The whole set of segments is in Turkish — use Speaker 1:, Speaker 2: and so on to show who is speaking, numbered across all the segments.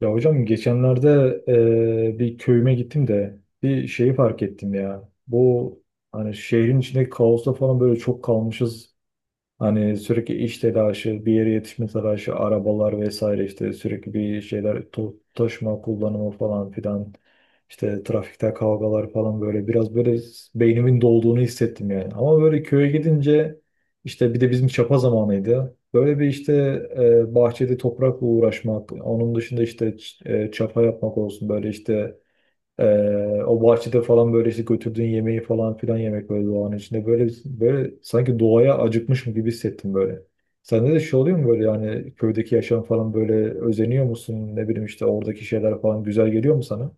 Speaker 1: Ya hocam geçenlerde bir köyüme gittim de bir şeyi fark ettim ya. Bu hani şehrin içindeki kaosta falan böyle çok kalmışız. Hani sürekli iş telaşı, bir yere yetişme telaşı, arabalar vesaire, işte sürekli bir şeyler taşıma kullanımı falan filan. İşte trafikte kavgalar falan, böyle biraz böyle beynimin dolduğunu hissettim yani. Ama böyle köye gidince işte bir de bizim çapa zamanıydı. Böyle bir işte bahçede toprakla uğraşmak, onun dışında işte çapa yapmak olsun böyle işte ee, o bahçede falan böyle işte götürdüğün yemeği falan filan yemek, böyle doğanın içinde, böyle böyle sanki doğaya acıkmışım gibi hissettim böyle. Sende de şey oluyor mu böyle, yani köydeki yaşam falan böyle özeniyor musun? Ne bileyim, işte oradaki şeyler falan güzel geliyor mu sana?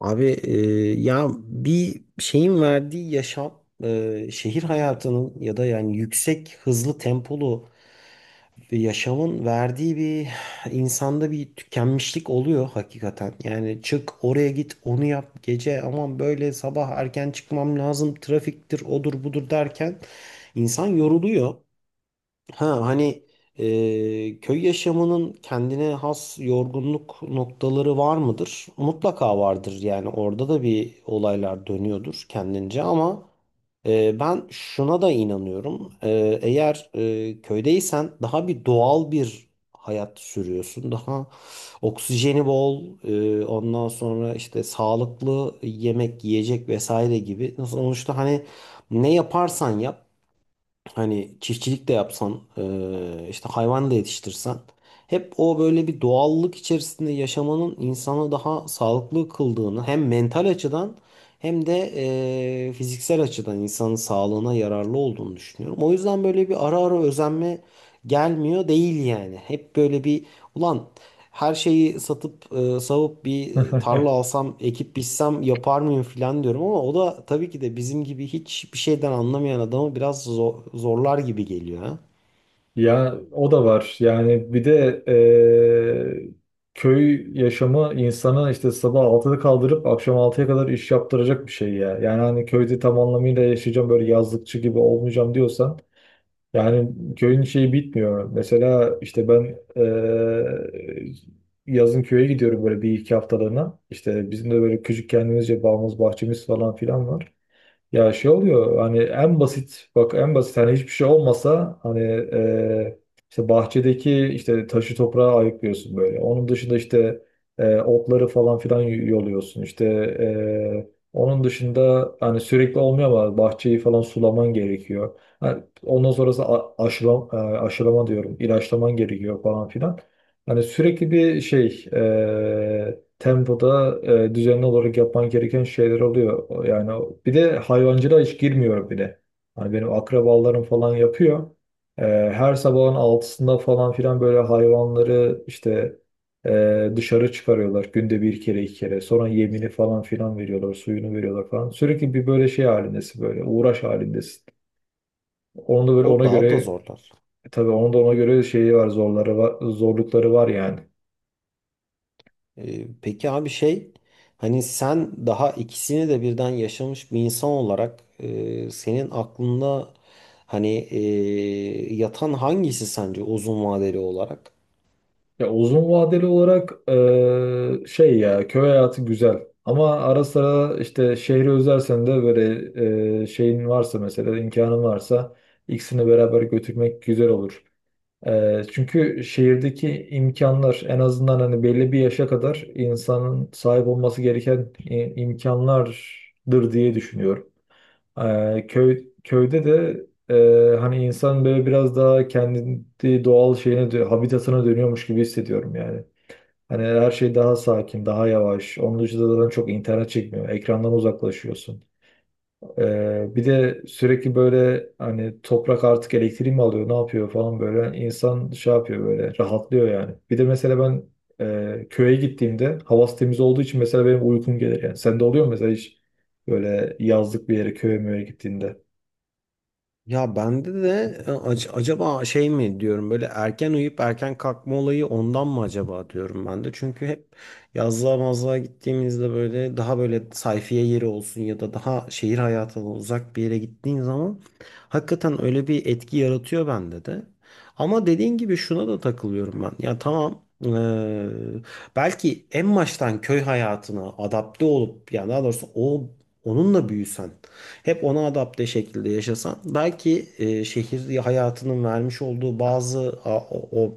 Speaker 2: Abi, ya bir şeyin verdiği yaşam, şehir hayatının ya da yani yüksek hızlı tempolu bir yaşamın verdiği bir insanda bir tükenmişlik oluyor hakikaten. Yani çık oraya, git onu yap, gece aman böyle sabah erken çıkmam lazım, trafiktir odur budur derken insan yoruluyor. Ha hani, köy yaşamının kendine has yorgunluk noktaları var mıdır? Mutlaka vardır yani, orada da bir olaylar dönüyordur kendince, ama ben şuna da inanıyorum. Eğer köydeysen daha bir doğal bir hayat sürüyorsun. Daha oksijeni bol, ondan sonra işte sağlıklı yemek, yiyecek vesaire gibi. Sonuçta hani ne yaparsan yap, hani çiftçilik de yapsan, işte hayvan da yetiştirsen, hep o böyle bir doğallık içerisinde yaşamanın insanı daha sağlıklı kıldığını, hem mental açıdan hem de fiziksel açıdan insanın sağlığına yararlı olduğunu düşünüyorum. O yüzden böyle bir ara ara özenme gelmiyor değil yani. Hep böyle bir ulan her şeyi satıp savup bir tarla alsam, ekip biçsem yapar mıyım filan diyorum, ama o da tabii ki de bizim gibi hiçbir şeyden anlamayan adamı biraz zorlar gibi geliyor ha.
Speaker 1: Ya o da var. Yani bir de köy yaşamı insanı işte sabah altıda kaldırıp akşam altıya kadar iş yaptıracak bir şey ya. Yani hani köyde tam anlamıyla yaşayacağım, böyle yazlıkçı gibi olmayacağım diyorsan, yani köyün şeyi bitmiyor. Mesela işte ben yazın köye gidiyorum böyle bir iki haftalığına. İşte bizim de böyle küçük, kendimizce bağımız bahçemiz falan filan var. Ya şey oluyor, hani en basit, bak en basit, hani hiçbir şey olmasa hani, işte bahçedeki işte taşı toprağı ayıklıyorsun böyle. Onun dışında işte otları falan filan yoluyorsun. İşte onun dışında hani sürekli olmuyor ama bahçeyi falan sulaman gerekiyor. Hani ondan sonrası aşılama diyorum, ilaçlaman gerekiyor falan filan. Hani sürekli bir şey tempoda düzenli olarak yapman gereken şeyler oluyor. Yani bir de hayvancılığa hiç girmiyorum bile. Hani benim akrabalarım falan yapıyor. E, Her sabahın altısında falan filan böyle hayvanları işte dışarı çıkarıyorlar. Günde bir kere iki kere. Sonra yemini falan filan veriyorlar. Suyunu veriyorlar falan. Sürekli bir böyle şey halindesin böyle. Uğraş halindesin. Onu da böyle
Speaker 2: O
Speaker 1: ona
Speaker 2: daha da
Speaker 1: göre
Speaker 2: zorlar.
Speaker 1: tabii onun da ona göre şeyi var, zorları var, zorlukları var yani.
Speaker 2: Peki abi, şey, hani sen daha ikisini de birden yaşamış bir insan olarak, senin aklında hani yatan hangisi sence uzun vadeli olarak?
Speaker 1: Ya uzun vadeli olarak şey, ya köy hayatı güzel. Ama ara sıra işte şehri özlersen de böyle şeyin varsa, mesela imkanın varsa ikisini beraber götürmek güzel olur. Çünkü şehirdeki imkanlar en azından hani belli bir yaşa kadar insanın sahip olması gereken imkanlardır diye düşünüyorum. Köy, köyde de hani insan böyle biraz daha kendi doğal şeyine, habitatına dönüyormuş gibi hissediyorum yani. Hani her şey daha sakin, daha yavaş. Onun dışında da çok internet çekmiyor. Ekrandan uzaklaşıyorsun. Bir de sürekli böyle, hani toprak artık elektriği mi alıyor ne yapıyor falan, böyle insan şey yapıyor, böyle rahatlıyor yani. Bir de mesela ben köye gittiğimde havası temiz olduğu için mesela benim uykum gelir yani. Sende oluyor mu mesela hiç böyle yazlık bir yere, köye möye gittiğinde?
Speaker 2: Ya bende de, acaba şey mi diyorum, böyle erken uyuyup erken kalkma olayı ondan mı acaba diyorum ben de. Çünkü hep yazlığa mazlığa gittiğimizde, böyle daha böyle sayfiye yeri olsun ya da daha şehir hayatına uzak bir yere gittiğin zaman hakikaten öyle bir etki yaratıyor bende de. Ama dediğin gibi şuna da takılıyorum ben. Ya tamam, belki en baştan köy hayatına adapte olup, ya daha doğrusu o onunla büyüsen, hep ona adapte şekilde yaşasan, belki şehir hayatının vermiş olduğu bazı o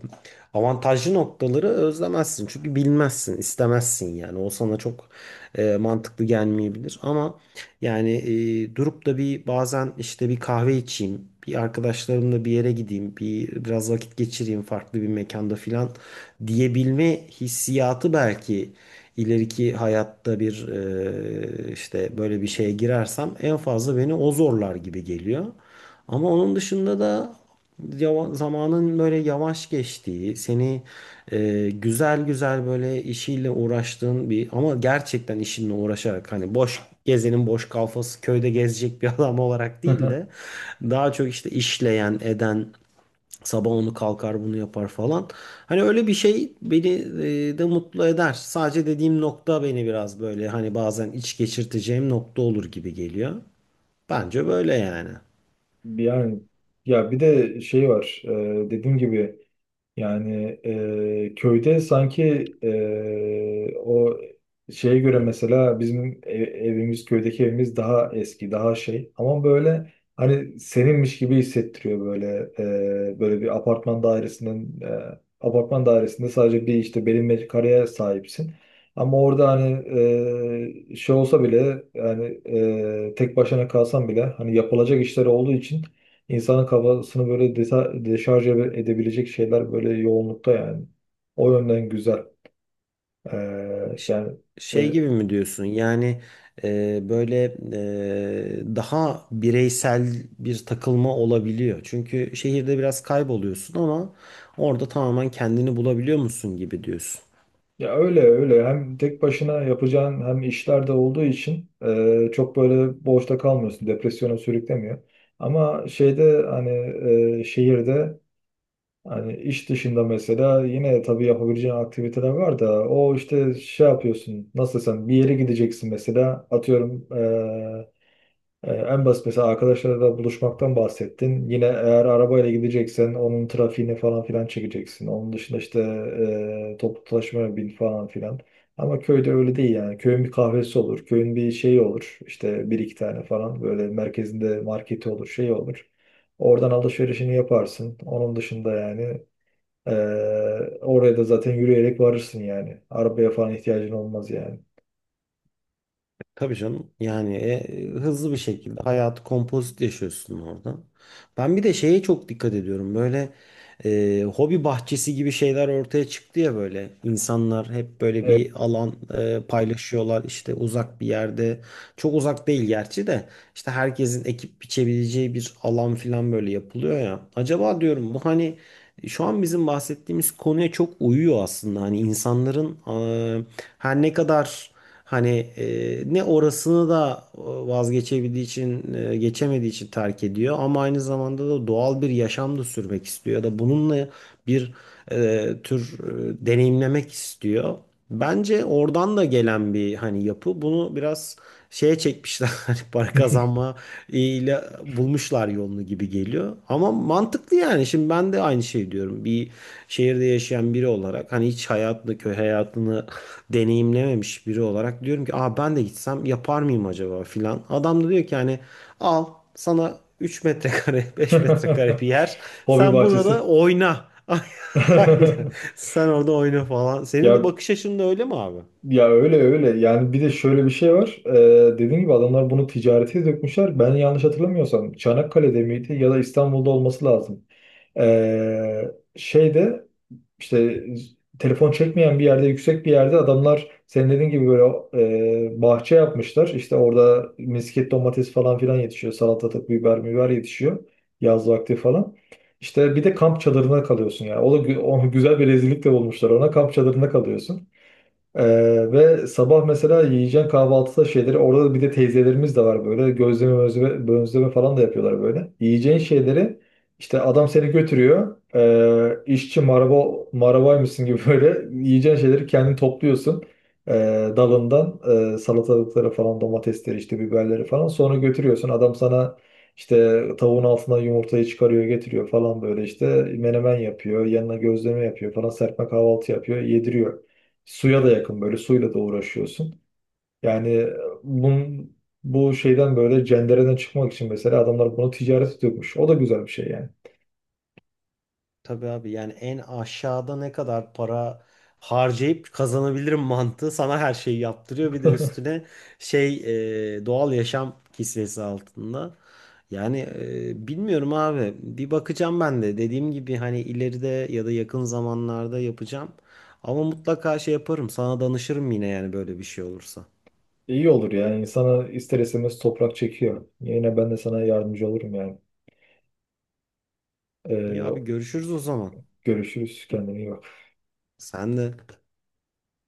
Speaker 2: avantajlı noktaları özlemezsin. Çünkü bilmezsin, istemezsin yani. O sana çok mantıklı gelmeyebilir, ama yani, durup da bir bazen işte bir kahve içeyim, bir arkadaşlarımla bir yere gideyim, bir biraz vakit geçireyim farklı bir mekanda filan diyebilme hissiyatı, belki ileriki hayatta bir işte böyle bir şeye girersem, en fazla beni o zorlar gibi geliyor. Ama onun dışında da zamanın böyle yavaş geçtiği, seni güzel güzel böyle işiyle uğraştığın bir, ama gerçekten işinle uğraşarak, hani boş gezenin boş kalfası köyde gezecek bir adam olarak değil de daha çok işte işleyen eden, sabah onu kalkar bunu yapar falan. Hani öyle bir şey beni de mutlu eder. Sadece dediğim nokta beni biraz böyle, hani bazen iç geçirteceğim nokta olur gibi geliyor. Bence böyle yani.
Speaker 1: Yani, ya bir de şey var, dediğim gibi. Yani köyde sanki o şeye göre, mesela bizim evimiz, köydeki evimiz daha eski, daha şey, ama böyle hani seninmiş gibi hissettiriyor böyle. Böyle bir apartman dairesinin apartman dairesinde sadece bir işte belin metrekareye sahipsin, ama orada hani şey olsa bile, yani tek başına kalsan bile hani yapılacak işler olduğu için İnsanın kafasını böyle deşarj edebilecek şeyler böyle yoğunlukta yani. O yönden güzel.
Speaker 2: Ş-
Speaker 1: Yani
Speaker 2: Şey
Speaker 1: e,
Speaker 2: gibi mi diyorsun? Yani, böyle, daha bireysel bir takılma olabiliyor. Çünkü şehirde biraz kayboluyorsun, ama orada tamamen kendini bulabiliyor musun gibi diyorsun.
Speaker 1: ya öyle öyle, hem tek başına yapacağın, hem işler de olduğu için çok böyle boşta kalmıyorsun. Depresyona sürüklemiyor. Ama şeyde hani şehirde hani iş dışında mesela, yine tabii yapabileceğin aktiviteler var da, o işte şey yapıyorsun. Nasıl desem, bir yere gideceksin mesela, atıyorum en basit, mesela arkadaşlarla buluşmaktan bahsettin. Yine eğer arabayla gideceksen onun trafiğini falan filan çekeceksin. Onun dışında işte toplu taşımaya bin falan filan. Ama köyde öyle değil yani. Köyün bir kahvesi olur, köyün bir şeyi olur. İşte bir iki tane falan böyle merkezinde marketi olur, şey olur. Oradan alışverişini yaparsın. Onun dışında yani e, oraya da zaten yürüyerek varırsın yani. Arabaya falan ihtiyacın olmaz yani.
Speaker 2: Tabii canım, yani hızlı bir şekilde hayatı kompozit yaşıyorsun orada. Ben bir de şeye çok dikkat ediyorum, böyle hobi bahçesi gibi şeyler ortaya çıktı ya, böyle insanlar hep böyle
Speaker 1: Evet.
Speaker 2: bir alan paylaşıyorlar işte, uzak bir yerde, çok uzak değil gerçi de, işte herkesin ekip biçebileceği bir alan filan böyle yapılıyor ya. Acaba diyorum, bu hani şu an bizim bahsettiğimiz konuya çok uyuyor aslında, hani insanların e, her ne kadar hani e, ne orasını da vazgeçebildiği için, geçemediği için terk ediyor, ama aynı zamanda da doğal bir yaşam da sürmek istiyor ya da bununla bir tür deneyimlemek istiyor. Bence oradan da gelen bir hani yapı bunu biraz şeye çekmişler, hani para kazanma ile bulmuşlar yolunu gibi geliyor. Ama mantıklı yani, şimdi ben de aynı şey diyorum. Bir şehirde yaşayan biri olarak, hani hiç hayatını, köy hayatını deneyimlememiş biri olarak diyorum ki, aa, ben de gitsem yapar mıyım acaba filan. Adam da diyor ki, hani al sana 3 m², 5 m² bir yer,
Speaker 1: Hobi
Speaker 2: sen burada
Speaker 1: bahçesi.
Speaker 2: oyna. Aynen, sen orada oyna falan. Senin de
Speaker 1: Ya,
Speaker 2: bakış açın da öyle mi abi?
Speaker 1: ya öyle öyle. Yani bir de şöyle bir şey var. Dediğim gibi adamlar bunu ticarete dökmüşler. Ben yanlış hatırlamıyorsam Çanakkale'de miydi ya da İstanbul'da olması lazım. Şeyde İşte telefon çekmeyen bir yerde, yüksek bir yerde adamlar senin dediğin gibi böyle bahçe yapmışlar. İşte orada misket domates falan filan yetişiyor. Salatalık, biber, biber yetişiyor yaz vakti falan. İşte bir de kamp çadırına kalıyorsun yani. O da o güzel bir rezillik de olmuşlar ona. Kamp çadırına kalıyorsun. Ve sabah mesela yiyeceğin kahvaltıda şeyleri orada, bir de teyzelerimiz de var böyle, gözleme mözleme, bözleme falan da yapıyorlar böyle. Yiyeceğin şeyleri işte adam seni götürüyor, işçi maraba, marabaymışsın gibi böyle yiyeceğin şeyleri kendin topluyorsun, ee, dalından salatalıkları falan, domatesleri, işte biberleri falan, sonra götürüyorsun, adam sana işte tavuğun altından yumurtayı çıkarıyor getiriyor falan, böyle işte menemen yapıyor yanına, gözleme yapıyor falan, serpme kahvaltı yapıyor yediriyor. Suya da yakın, böyle suyla da uğraşıyorsun. Yani bunun, bu şeyden böyle cendereden çıkmak için mesela adamlar bunu ticaret ediyormuş. O da güzel bir şey yani.
Speaker 2: Tabii abi, yani en aşağıda ne kadar para harcayıp kazanabilirim mantığı sana her şeyi yaptırıyor. Bir de üstüne şey doğal yaşam kisvesi altında. Yani, bilmiyorum abi, bir bakacağım ben de, dediğim gibi hani ileride ya da yakın zamanlarda yapacağım. Ama mutlaka şey yaparım, sana danışırım yine yani, böyle bir şey olursa.
Speaker 1: İyi olur yani, insana ister istemez toprak çekiyor. Yine ben de sana yardımcı olurum yani.
Speaker 2: İyi
Speaker 1: Ee,
Speaker 2: abi, görüşürüz o zaman.
Speaker 1: Görüşürüz, kendine iyi bak.
Speaker 2: Sen de.